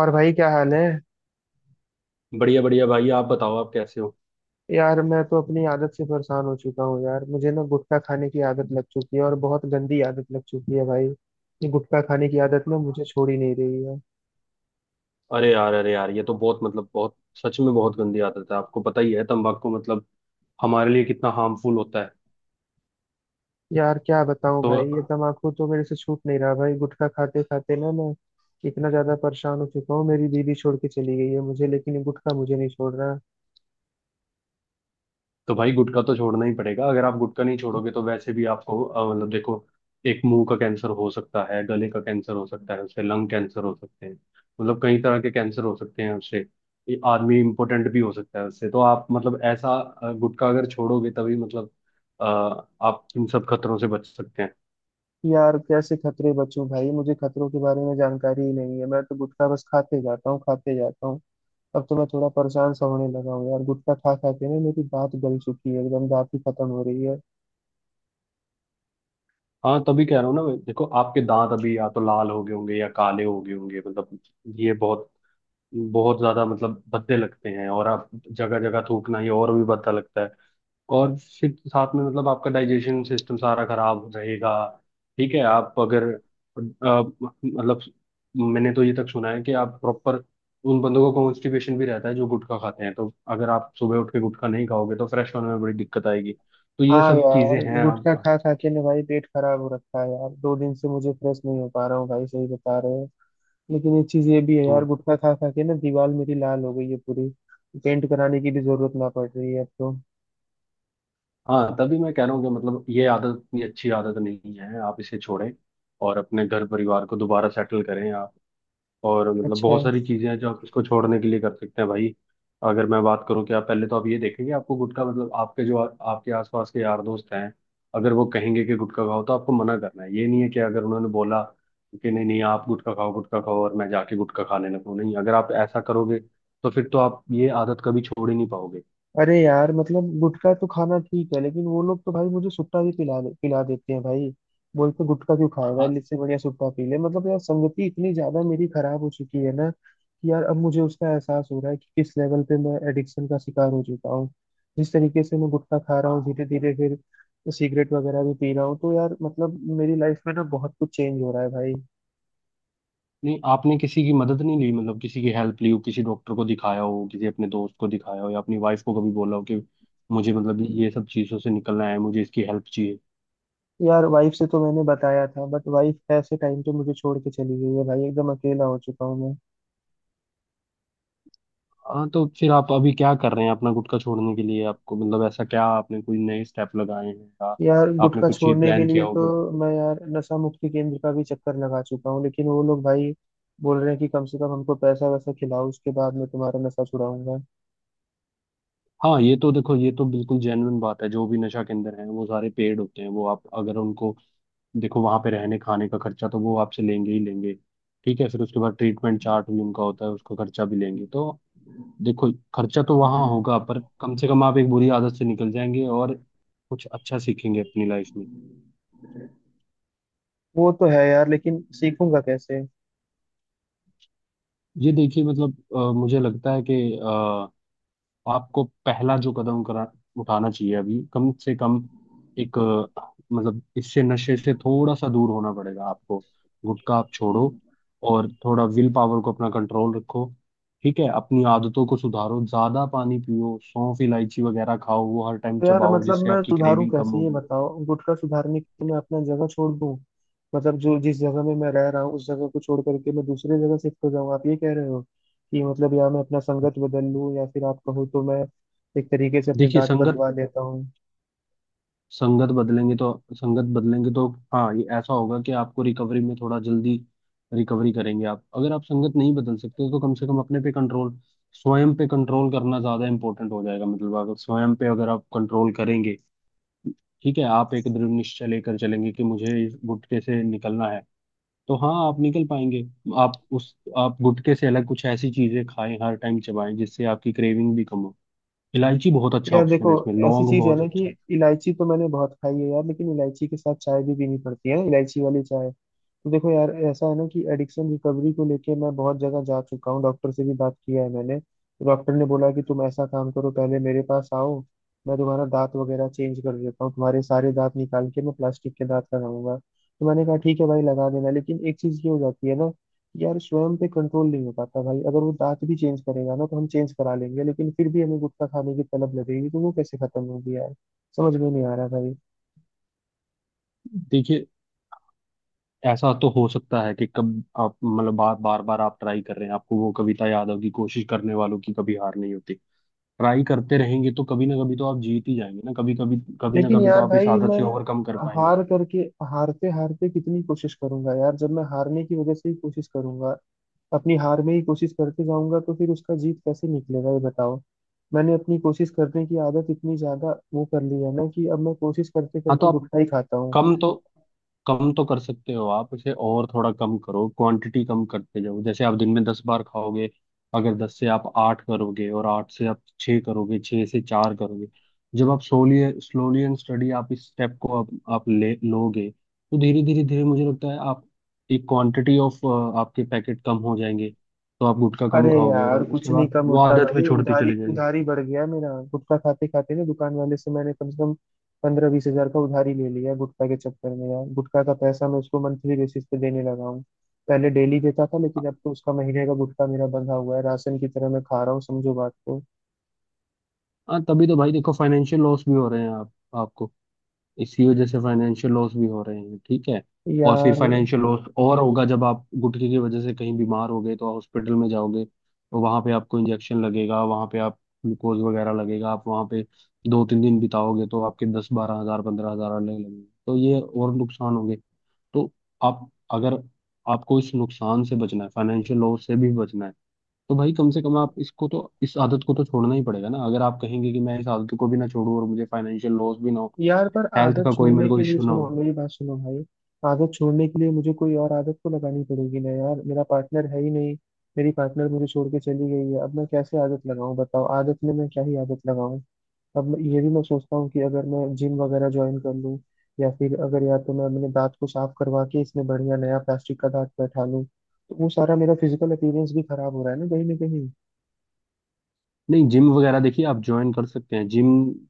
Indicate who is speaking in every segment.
Speaker 1: और भाई क्या हाल है।
Speaker 2: बढ़िया बढ़िया भाई, आप बताओ, आप कैसे हो।
Speaker 1: यार मैं तो अपनी आदत से परेशान हो चुका हूँ यार, मुझे ना गुटखा खाने की आदत लग चुकी है और बहुत गंदी आदत लग चुकी है भाई। ये गुटखा खाने की आदत ना मुझे छोड़ ही नहीं रही है।
Speaker 2: अरे यार, अरे यार, ये तो बहुत बहुत सच में बहुत गंदी आदत है। आपको पता ही है तंबाकू हमारे लिए कितना हार्मफुल होता है।
Speaker 1: यार क्या बताऊँ भाई, ये
Speaker 2: तो
Speaker 1: तम्बाकू तो मेरे से छूट नहीं रहा भाई। गुटखा खाते खाते ना मैं इतना ज्यादा परेशान हो चुका हूँ, मेरी दीदी छोड़ के चली गई है मुझे, लेकिन ये गुटखा मुझे नहीं छोड़ रहा।
Speaker 2: तो भाई गुटखा तो छोड़ना ही पड़ेगा। अगर आप गुटखा नहीं छोड़ोगे तो वैसे भी आपको देखो, एक मुंह का कैंसर हो सकता है, गले का कैंसर हो सकता है, उससे लंग कैंसर हो सकते हैं। कई तरह के कैंसर हो सकते हैं उससे। ये आदमी इम्पोर्टेंट भी हो सकता है उससे। तो आप ऐसा गुटखा अगर छोड़ोगे तभी अ, आप इन सब खतरों से बच सकते हैं।
Speaker 1: यार कैसे खतरे बचूं भाई, मुझे खतरों के बारे में जानकारी ही नहीं है। मैं तो गुटखा बस खाते जाता हूँ, खाते जाता हूँ। अब तो मैं थोड़ा परेशान सा होने लगा हूँ यार, गुटखा खा खा के ना मेरी दांत गल चुकी है, एकदम दांत ही खत्म हो रही है।
Speaker 2: हाँ, तभी कह रहा हूँ ना मैं, देखो आपके दांत अभी या तो लाल हो गए होंगे या काले हो गए होंगे। मतलब ये बहुत बहुत ज्यादा भद्दे लगते हैं, और आप जगह जगह थूकना ये और भी भद्दा लगता है। और फिर साथ में आपका डाइजेशन सिस्टम सारा खराब रहेगा। ठीक है, आप अगर मैंने तो ये तक सुना है कि आप प्रॉपर उन बंदों को कॉन्स्टिपेशन भी रहता है जो गुटखा खाते हैं। तो अगर आप सुबह उठ के गुटखा नहीं खाओगे तो फ्रेश होने में बड़ी दिक्कत आएगी। तो ये
Speaker 1: हाँ
Speaker 2: सब
Speaker 1: यार,
Speaker 2: चीजें हैं।
Speaker 1: गुटखा खा खा के ना भाई पेट खराब हो रखा है यार, दो दिन से मुझे फ्रेश नहीं हो पा रहा हूँ भाई, सही बता रहे हो। लेकिन एक चीज ये भी है यार, गुटखा खा खा के ना दीवार मेरी लाल हो गई है पूरी, पेंट कराने की भी जरूरत ना पड़ रही है अब तो।
Speaker 2: हाँ, तभी मैं कह रहा हूँ कि ये आदत इतनी अच्छी आदत नहीं है, आप इसे छोड़ें और अपने घर परिवार को दोबारा सेटल करें आप। और
Speaker 1: अच्छा।
Speaker 2: बहुत सारी चीजें हैं जो आप इसको छोड़ने के लिए कर सकते हैं भाई। अगर मैं बात करूँ कि आप, पहले तो आप ये देखें कि आपको गुटखा आपके जो आपके आसपास के यार दोस्त हैं, अगर वो कहेंगे कि गुटखा खाओ तो आपको मना करना है। ये नहीं है कि अगर उन्होंने बोला कि नहीं नहीं आप गुटखा खाओ और मैं जाके गुटखा खाने लगूँ। नहीं, अगर आप ऐसा करोगे तो फिर तो आप ये आदत कभी छोड़ ही नहीं पाओगे।
Speaker 1: अरे यार, मतलब गुटखा तो खाना ठीक है, लेकिन वो लोग तो भाई मुझे सुट्टा भी पिला देते हैं भाई। बोलते गुटखा क्यों खाएगा,
Speaker 2: हाँ।
Speaker 1: इससे बढ़िया सुट्टा पी ले। मतलब यार, संगति इतनी ज्यादा मेरी खराब हो चुकी है ना, कि यार अब मुझे उसका एहसास हो रहा है कि किस लेवल पे मैं एडिक्शन का शिकार हो चुका हूँ। जिस तरीके से मैं गुटखा खा रहा हूँ, धीरे धीरे फिर सिगरेट वगैरह भी पी रहा हूँ, तो यार मतलब मेरी लाइफ में ना बहुत कुछ चेंज हो रहा है भाई।
Speaker 2: नहीं, आपने किसी की मदद नहीं ली? किसी की हेल्प ली हो, किसी डॉक्टर को दिखाया हो, किसी अपने दोस्त को दिखाया हो, या अपनी वाइफ को कभी बोला हो कि मुझे ये सब चीज़ों से निकलना है, मुझे इसकी हेल्प चाहिए।
Speaker 1: यार वाइफ से तो मैंने बताया था, बट वाइफ ऐसे टाइम पे मुझे छोड़ के चली गई है भाई, एकदम अकेला हो चुका हूँ मैं।
Speaker 2: हाँ, तो फिर आप अभी क्या कर रहे हैं अपना गुटखा छोड़ने के लिए? आपको ऐसा क्या, आपने कोई नए स्टेप लगाए हैं या
Speaker 1: यार
Speaker 2: आपने
Speaker 1: गुटखा
Speaker 2: कुछ ये
Speaker 1: छोड़ने के
Speaker 2: प्लान
Speaker 1: लिए
Speaker 2: किया
Speaker 1: तो
Speaker 2: होगा।
Speaker 1: मैं यार नशा मुक्ति केंद्र का भी चक्कर लगा चुका हूँ, लेकिन वो लोग भाई बोल रहे हैं कि कम से कम हमको पैसा वैसा खिलाओ, उसके बाद मैं तुम्हारा नशा छुड़ाऊंगा।
Speaker 2: हाँ, ये तो देखो ये तो बिल्कुल जेन्युइन बात है। जो भी नशा केंद्र है वो सारे पेड होते हैं। वो आप अगर उनको, देखो वहां पे रहने खाने का खर्चा तो वो आपसे लेंगे ही लेंगे। ठीक है, फिर उसके बाद ट्रीटमेंट चार्ट भी उनका होता है, उसका खर्चा भी लेंगे। तो देखो खर्चा तो वहां होगा, पर कम से कम आप एक बुरी आदत से निकल जाएंगे और कुछ अच्छा सीखेंगे अपनी लाइफ में।
Speaker 1: वो तो है यार, लेकिन सीखूंगा कैसे।
Speaker 2: ये देखिए, मुझे लगता है कि आपको पहला जो कदम करा उठाना चाहिए अभी, कम से कम एक इससे नशे से थोड़ा सा दूर होना पड़ेगा आपको। गुटखा आप छोड़ो और थोड़ा विल पावर को अपना कंट्रोल रखो। ठीक है, अपनी आदतों को सुधारो, ज्यादा पानी पियो, सौंफ इलायची वगैरह खाओ, वो हर टाइम
Speaker 1: तो यार
Speaker 2: चबाओ
Speaker 1: मतलब
Speaker 2: जिससे
Speaker 1: मैं
Speaker 2: आपकी
Speaker 1: सुधारूं
Speaker 2: क्रेविंग कम
Speaker 1: कैसे ये
Speaker 2: होगी।
Speaker 1: बताओ। गुटखा सुधारने के लिए मैं अपना जगह छोड़ दूं? मतलब जो जिस जगह में मैं रह रहा हूँ उस जगह को छोड़ करके मैं दूसरे जगह शिफ्ट हो जाऊँ, आप ये कह रहे हो? कि मतलब या मैं अपना संगत बदल लूं, या फिर आप कहो तो मैं एक तरीके से अपने
Speaker 2: देखिए,
Speaker 1: दांत
Speaker 2: संगत
Speaker 1: बदलवा लेता हूँ।
Speaker 2: संगत बदलेंगे तो हाँ ये ऐसा होगा कि आपको रिकवरी में थोड़ा जल्दी रिकवरी करेंगे आप। अगर आप संगत नहीं बदल सकते तो कम से कम अपने पे कंट्रोल स्वयं पे कंट्रोल करना ज्यादा इंपॉर्टेंट हो जाएगा। अगर स्वयं पे अगर आप कंट्रोल करेंगे, ठीक है, आप एक दृढ़ निश्चय लेकर चलेंगे कि मुझे इस गुटके से निकलना है, तो हाँ आप निकल पाएंगे। आप गुटके से अलग कुछ ऐसी चीजें खाएं, हर टाइम चबाएं जिससे आपकी क्रेविंग भी कम हो। इलायची बहुत अच्छा
Speaker 1: यार
Speaker 2: ऑप्शन
Speaker 1: देखो,
Speaker 2: है, इसमें
Speaker 1: ऐसी
Speaker 2: लौंग
Speaker 1: चीज है
Speaker 2: बहुत
Speaker 1: ना कि
Speaker 2: अच्छा है।
Speaker 1: इलायची तो मैंने बहुत खाई है यार, लेकिन इलायची के साथ चाय भी पीनी पड़ती है, इलायची वाली चाय। तो देखो यार, ऐसा है ना कि एडिक्शन रिकवरी को लेके मैं बहुत जगह जा चुका हूँ, डॉक्टर से भी बात किया है मैंने। डॉक्टर ने बोला कि तुम ऐसा काम करो, पहले मेरे पास आओ, मैं तुम्हारा दांत वगैरह चेंज कर देता हूँ, तुम्हारे सारे दांत निकाल के मैं प्लास्टिक के दांत लगाऊंगा। तो मैंने कहा ठीक है भाई लगा देना, लेकिन एक चीज ये हो जाती है ना कि यार स्वयं पे कंट्रोल नहीं हो पाता भाई। अगर वो दांत भी चेंज करेगा ना तो हम चेंज करा लेंगे, लेकिन फिर भी हमें गुटखा खाने की तलब लगेगी, तो वो कैसे खत्म होगी यार? समझ में नहीं आ रहा भाई।
Speaker 2: देखिए, ऐसा तो हो सकता है कि कब आप बार बार बार आप ट्राई कर रहे हैं। आपको वो कविता याद होगी, कोशिश करने वालों की कभी हार नहीं होती। ट्राई करते रहेंगे तो कभी ना कभी तो आप जीत ही जाएंगे ना। कभी कभी कभी ना
Speaker 1: लेकिन
Speaker 2: कभी तो
Speaker 1: यार
Speaker 2: आप इस
Speaker 1: भाई,
Speaker 2: आदत
Speaker 1: मैं
Speaker 2: से ओवरकम कर पाएंगे।
Speaker 1: हार करके, हारते हारते कितनी कोशिश करूंगा यार? जब मैं हारने की वजह से ही कोशिश करूंगा, अपनी हार में ही कोशिश करते जाऊंगा, तो फिर उसका जीत कैसे निकलेगा ये बताओ। मैंने अपनी कोशिश करने की आदत इतनी ज्यादा वो कर ली है ना कि अब मैं कोशिश करते
Speaker 2: हाँ, तो
Speaker 1: करते
Speaker 2: आप
Speaker 1: गुटखा ही खाता हूँ।
Speaker 2: कम तो कम तो कर सकते हो आप इसे, और थोड़ा कम करो, क्वांटिटी कम करते जाओ। जैसे आप दिन में 10 बार खाओगे, अगर 10 से आप 8 करोगे, और 8 से आप 6 करोगे, 6 से 4 करोगे। जब आप सोली स्लोली एंड स्टडी आप इस स्टेप को आप ले लोगे तो धीरे धीरे धीरे मुझे लगता है आप एक क्वांटिटी ऑफ आपके पैकेट कम हो जाएंगे। तो आप गुटखा कम
Speaker 1: अरे
Speaker 2: खाओगे और
Speaker 1: यार
Speaker 2: उसके
Speaker 1: कुछ नहीं
Speaker 2: बाद
Speaker 1: कम
Speaker 2: वो
Speaker 1: होता
Speaker 2: आदत भी
Speaker 1: भाई,
Speaker 2: छोड़ती
Speaker 1: उधारी
Speaker 2: चली जाएगी।
Speaker 1: उधारी बढ़ गया मेरा। गुटखा खाते खाते ना दुकान वाले से मैंने कम से कम 15-20 हज़ार का उधारी ले लिया गुटखा के चक्कर में। यार गुटखा का पैसा मैं उसको मंथली बेसिस पे देने लगा हूँ, पहले डेली देता था, लेकिन अब तो उसका महीने का गुटखा मेरा बंधा हुआ है, राशन की तरह मैं खा रहा हूँ, समझो बात को।
Speaker 2: हाँ, तभी तो भाई देखो फाइनेंशियल लॉस भी हो रहे हैं। आप आपको इसी वजह से फाइनेंशियल लॉस भी हो रहे हैं, ठीक है। और फिर
Speaker 1: यार,
Speaker 2: फाइनेंशियल लॉस और होगा जब आप गुटखे की वजह से कहीं बीमार हो गए तो हॉस्पिटल में जाओगे, तो वहां पे आपको इंजेक्शन लगेगा, वहां पे आप ग्लूकोज वगैरह लगेगा। आप वहां पे 2-3 दिन बिताओगे तो आपके 10-12 हज़ार, 15 हज़ार अलग लगेंगे। तो ये और नुकसान होंगे। तो आप अगर, आपको इस नुकसान से बचना है, फाइनेंशियल लॉस से भी बचना है, तो भाई कम से कम आप इसको तो, इस आदत को तो छोड़ना ही पड़ेगा ना। अगर आप कहेंगे कि मैं इस आदत को भी ना छोड़ूं और मुझे फाइनेंशियल लॉस भी ना हो,
Speaker 1: यार पर
Speaker 2: हेल्थ
Speaker 1: आदत
Speaker 2: का कोई
Speaker 1: छोड़ने
Speaker 2: मेरे
Speaker 1: के
Speaker 2: को
Speaker 1: लिए,
Speaker 2: इश्यू ना
Speaker 1: सुनो
Speaker 2: हो।
Speaker 1: मेरी बात सुनो भाई, आदत छोड़ने के लिए मुझे कोई और आदत तो लगानी पड़ेगी ना यार। मेरा पार्टनर है ही नहीं, मेरी पार्टनर मुझे छोड़ के चली गई है, अब मैं कैसे आदत लगाऊं बताओ, आदत में मैं क्या ही आदत लगाऊं। ये भी मैं सोचता हूँ कि अगर मैं जिम वगैरह ज्वाइन कर लूँ, या फिर अगर, या तो मैं अपने दांत को साफ करवा के इसमें बढ़िया नया प्लास्टिक का दांत बैठा लूँ, तो वो सारा मेरा फिजिकल अपीयरेंस भी खराब हो रहा है ना कहीं ना कहीं।
Speaker 2: नहीं, जिम वगैरह देखिए आप ज्वाइन कर सकते हैं। जिम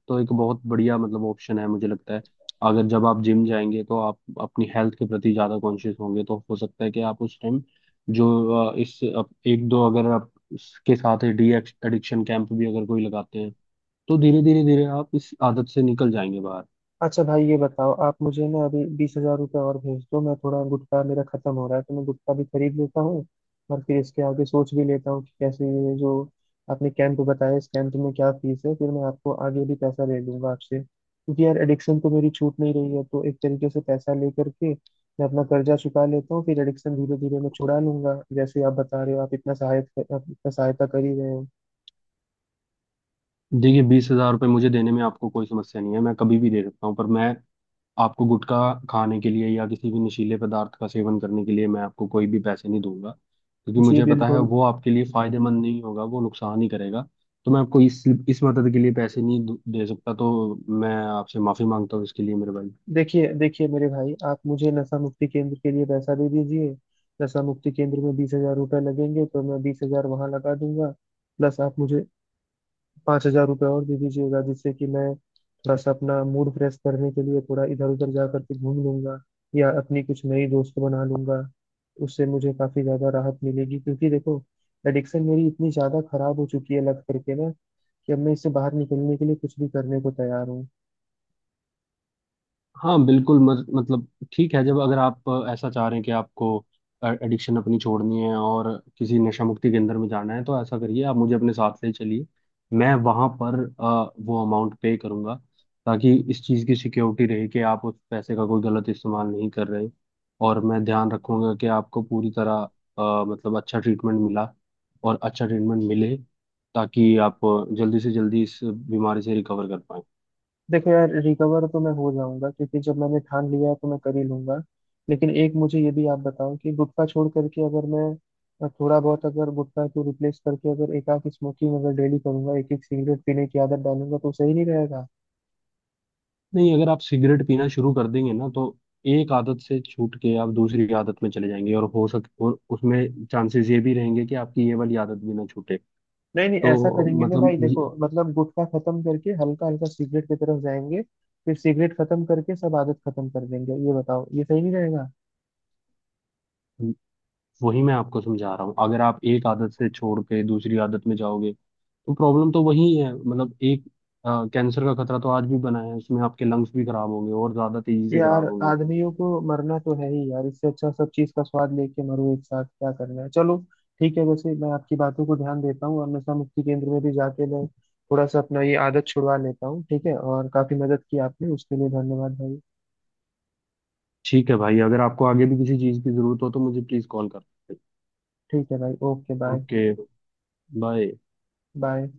Speaker 2: तो एक बहुत बढ़िया ऑप्शन है मुझे लगता है। अगर जब आप जिम जाएंगे तो आप अपनी हेल्थ के प्रति ज़्यादा कॉन्शियस होंगे, तो हो सकता है कि आप उस टाइम जो एक दो, अगर आप इसके साथ डी एडिक्शन कैंप भी अगर कोई लगाते हैं तो धीरे धीरे धीरे आप इस आदत से निकल जाएंगे बाहर।
Speaker 1: अच्छा भाई, ये बताओ, आप मुझे ना अभी 20,000 रुपये और भेज दो, मैं थोड़ा गुटखा मेरा खत्म हो रहा है तो मैं गुटखा भी खरीद लेता हूँ, और फिर इसके आगे सोच भी लेता हूँ कि कैसे, ये जो आपने कैंप बताया, इस कैंप में क्या फीस है, फिर मैं आपको आगे भी पैसा दे दूंगा आपसे, क्योंकि यार एडिक्शन तो मेरी छूट नहीं रही है, तो एक तरीके से पैसा लेकर के मैं अपना कर्जा चुका लेता हूँ, फिर एडिक्शन धीरे धीरे मैं छुड़ा लूंगा जैसे आप बता रहे हो। आप इतना सहायता, आप इतना सहायता कर ही रहे हो।
Speaker 2: देखिए, 20,000 रुपये मुझे देने में आपको कोई समस्या नहीं है, मैं कभी भी दे सकता हूँ। पर मैं आपको गुटखा खाने के लिए या किसी भी नशीले पदार्थ का सेवन करने के लिए मैं आपको कोई भी पैसे नहीं दूंगा, क्योंकि
Speaker 1: जी
Speaker 2: मुझे पता है
Speaker 1: बिल्कुल।
Speaker 2: वो आपके लिए फायदेमंद नहीं होगा, वो नुकसान ही करेगा। तो मैं आपको इस मदद के लिए पैसे नहीं दू- दे सकता, तो मैं आपसे माफी मांगता हूँ इसके लिए मेरे भाई।
Speaker 1: देखिए देखिए मेरे भाई, आप मुझे नशा मुक्ति केंद्र के लिए पैसा दे दीजिए। नशा मुक्ति केंद्र में 20,000 रुपये लगेंगे तो मैं 20,000 वहां लगा दूंगा, प्लस आप मुझे 5,000 रुपये और दे दीजिएगा, जिससे कि मैं थोड़ा सा अपना मूड फ्रेश करने के लिए थोड़ा इधर उधर जा करके घूम लूंगा, या अपनी कुछ नई दोस्त बना लूंगा। उससे मुझे काफी ज्यादा राहत मिलेगी, क्योंकि देखो एडिक्शन मेरी इतनी ज्यादा खराब हो चुकी है लग करके ना, कि अब मैं इससे बाहर निकलने के लिए कुछ भी करने को तैयार।
Speaker 2: हाँ बिल्कुल, मत, मतलब ठीक है, जब अगर आप ऐसा चाह रहे हैं कि आपको एडिक्शन अपनी छोड़नी है और किसी नशा मुक्ति केंद्र में जाना है, तो ऐसा करिए, आप मुझे अपने साथ ले चलिए। मैं वहाँ पर वो अमाउंट पे करूँगा, ताकि इस चीज़ की सिक्योरिटी रहे कि आप उस पैसे का कोई गलत इस्तेमाल नहीं कर रहे। और मैं ध्यान रखूँगा कि आपको पूरी तरह अ, मतलब अच्छा ट्रीटमेंट मिला अच्छा ट्रीटमेंट मिले, ताकि आप जल्दी से जल्दी इस बीमारी से रिकवर कर पाएँ।
Speaker 1: देखो यार, रिकवर तो मैं हो जाऊंगा क्योंकि जब मैंने ठान लिया है तो मैं कर ही लूंगा, लेकिन एक मुझे ये भी आप बताओ कि गुटखा छोड़ करके अगर मैं थोड़ा बहुत, अगर गुटखा को रिप्लेस करके अगर एक आध स्मोकिंग अगर डेली करूंगा, एक एक सिगरेट पीने की आदत डालूंगा, तो सही नहीं रहेगा?
Speaker 2: नहीं, अगर आप सिगरेट पीना शुरू कर देंगे ना तो एक आदत से छूट के आप दूसरी आदत में चले जाएंगे, और हो सक और उसमें चांसेस ये भी रहेंगे कि आपकी ये वाली आदत भी ना छूटे।
Speaker 1: नहीं नहीं, ऐसा
Speaker 2: तो
Speaker 1: करेंगे ना
Speaker 2: मतलब
Speaker 1: भाई,
Speaker 2: ये-
Speaker 1: देखो मतलब गुटखा खत्म करके हल्का हल्का सिगरेट की तरफ जाएंगे, फिर सिगरेट खत्म करके सब आदत खत्म कर देंगे, ये बताओ ये सही नहीं रहेगा?
Speaker 2: वही मैं आपको समझा रहा हूँ। अगर आप एक आदत से छोड़ के दूसरी आदत में जाओगे तो प्रॉब्लम तो वही है। एक कैंसर का खतरा तो आज भी बना है, उसमें आपके लंग्स भी खराब होंगे और ज्यादा तेजी से
Speaker 1: यार
Speaker 2: खराब होंगे।
Speaker 1: आदमियों को मरना तो है ही यार, इससे अच्छा सब चीज का स्वाद लेके मरो, एक साथ क्या करना है, चलो ठीक है। वैसे मैं आपकी बातों को ध्यान देता हूँ और नशा मुक्ति केंद्र में भी जाके मैं थोड़ा सा अपना ये आदत छुड़वा लेता हूँ। ठीक है, और काफी मदद की आपने, उसके लिए धन्यवाद भाई।
Speaker 2: ठीक है भाई, अगर आपको आगे भी किसी चीज की जरूरत हो तो मुझे प्लीज कॉल कर।
Speaker 1: ठीक है भाई, okay bye.
Speaker 2: Okay, bye.
Speaker 1: Bye.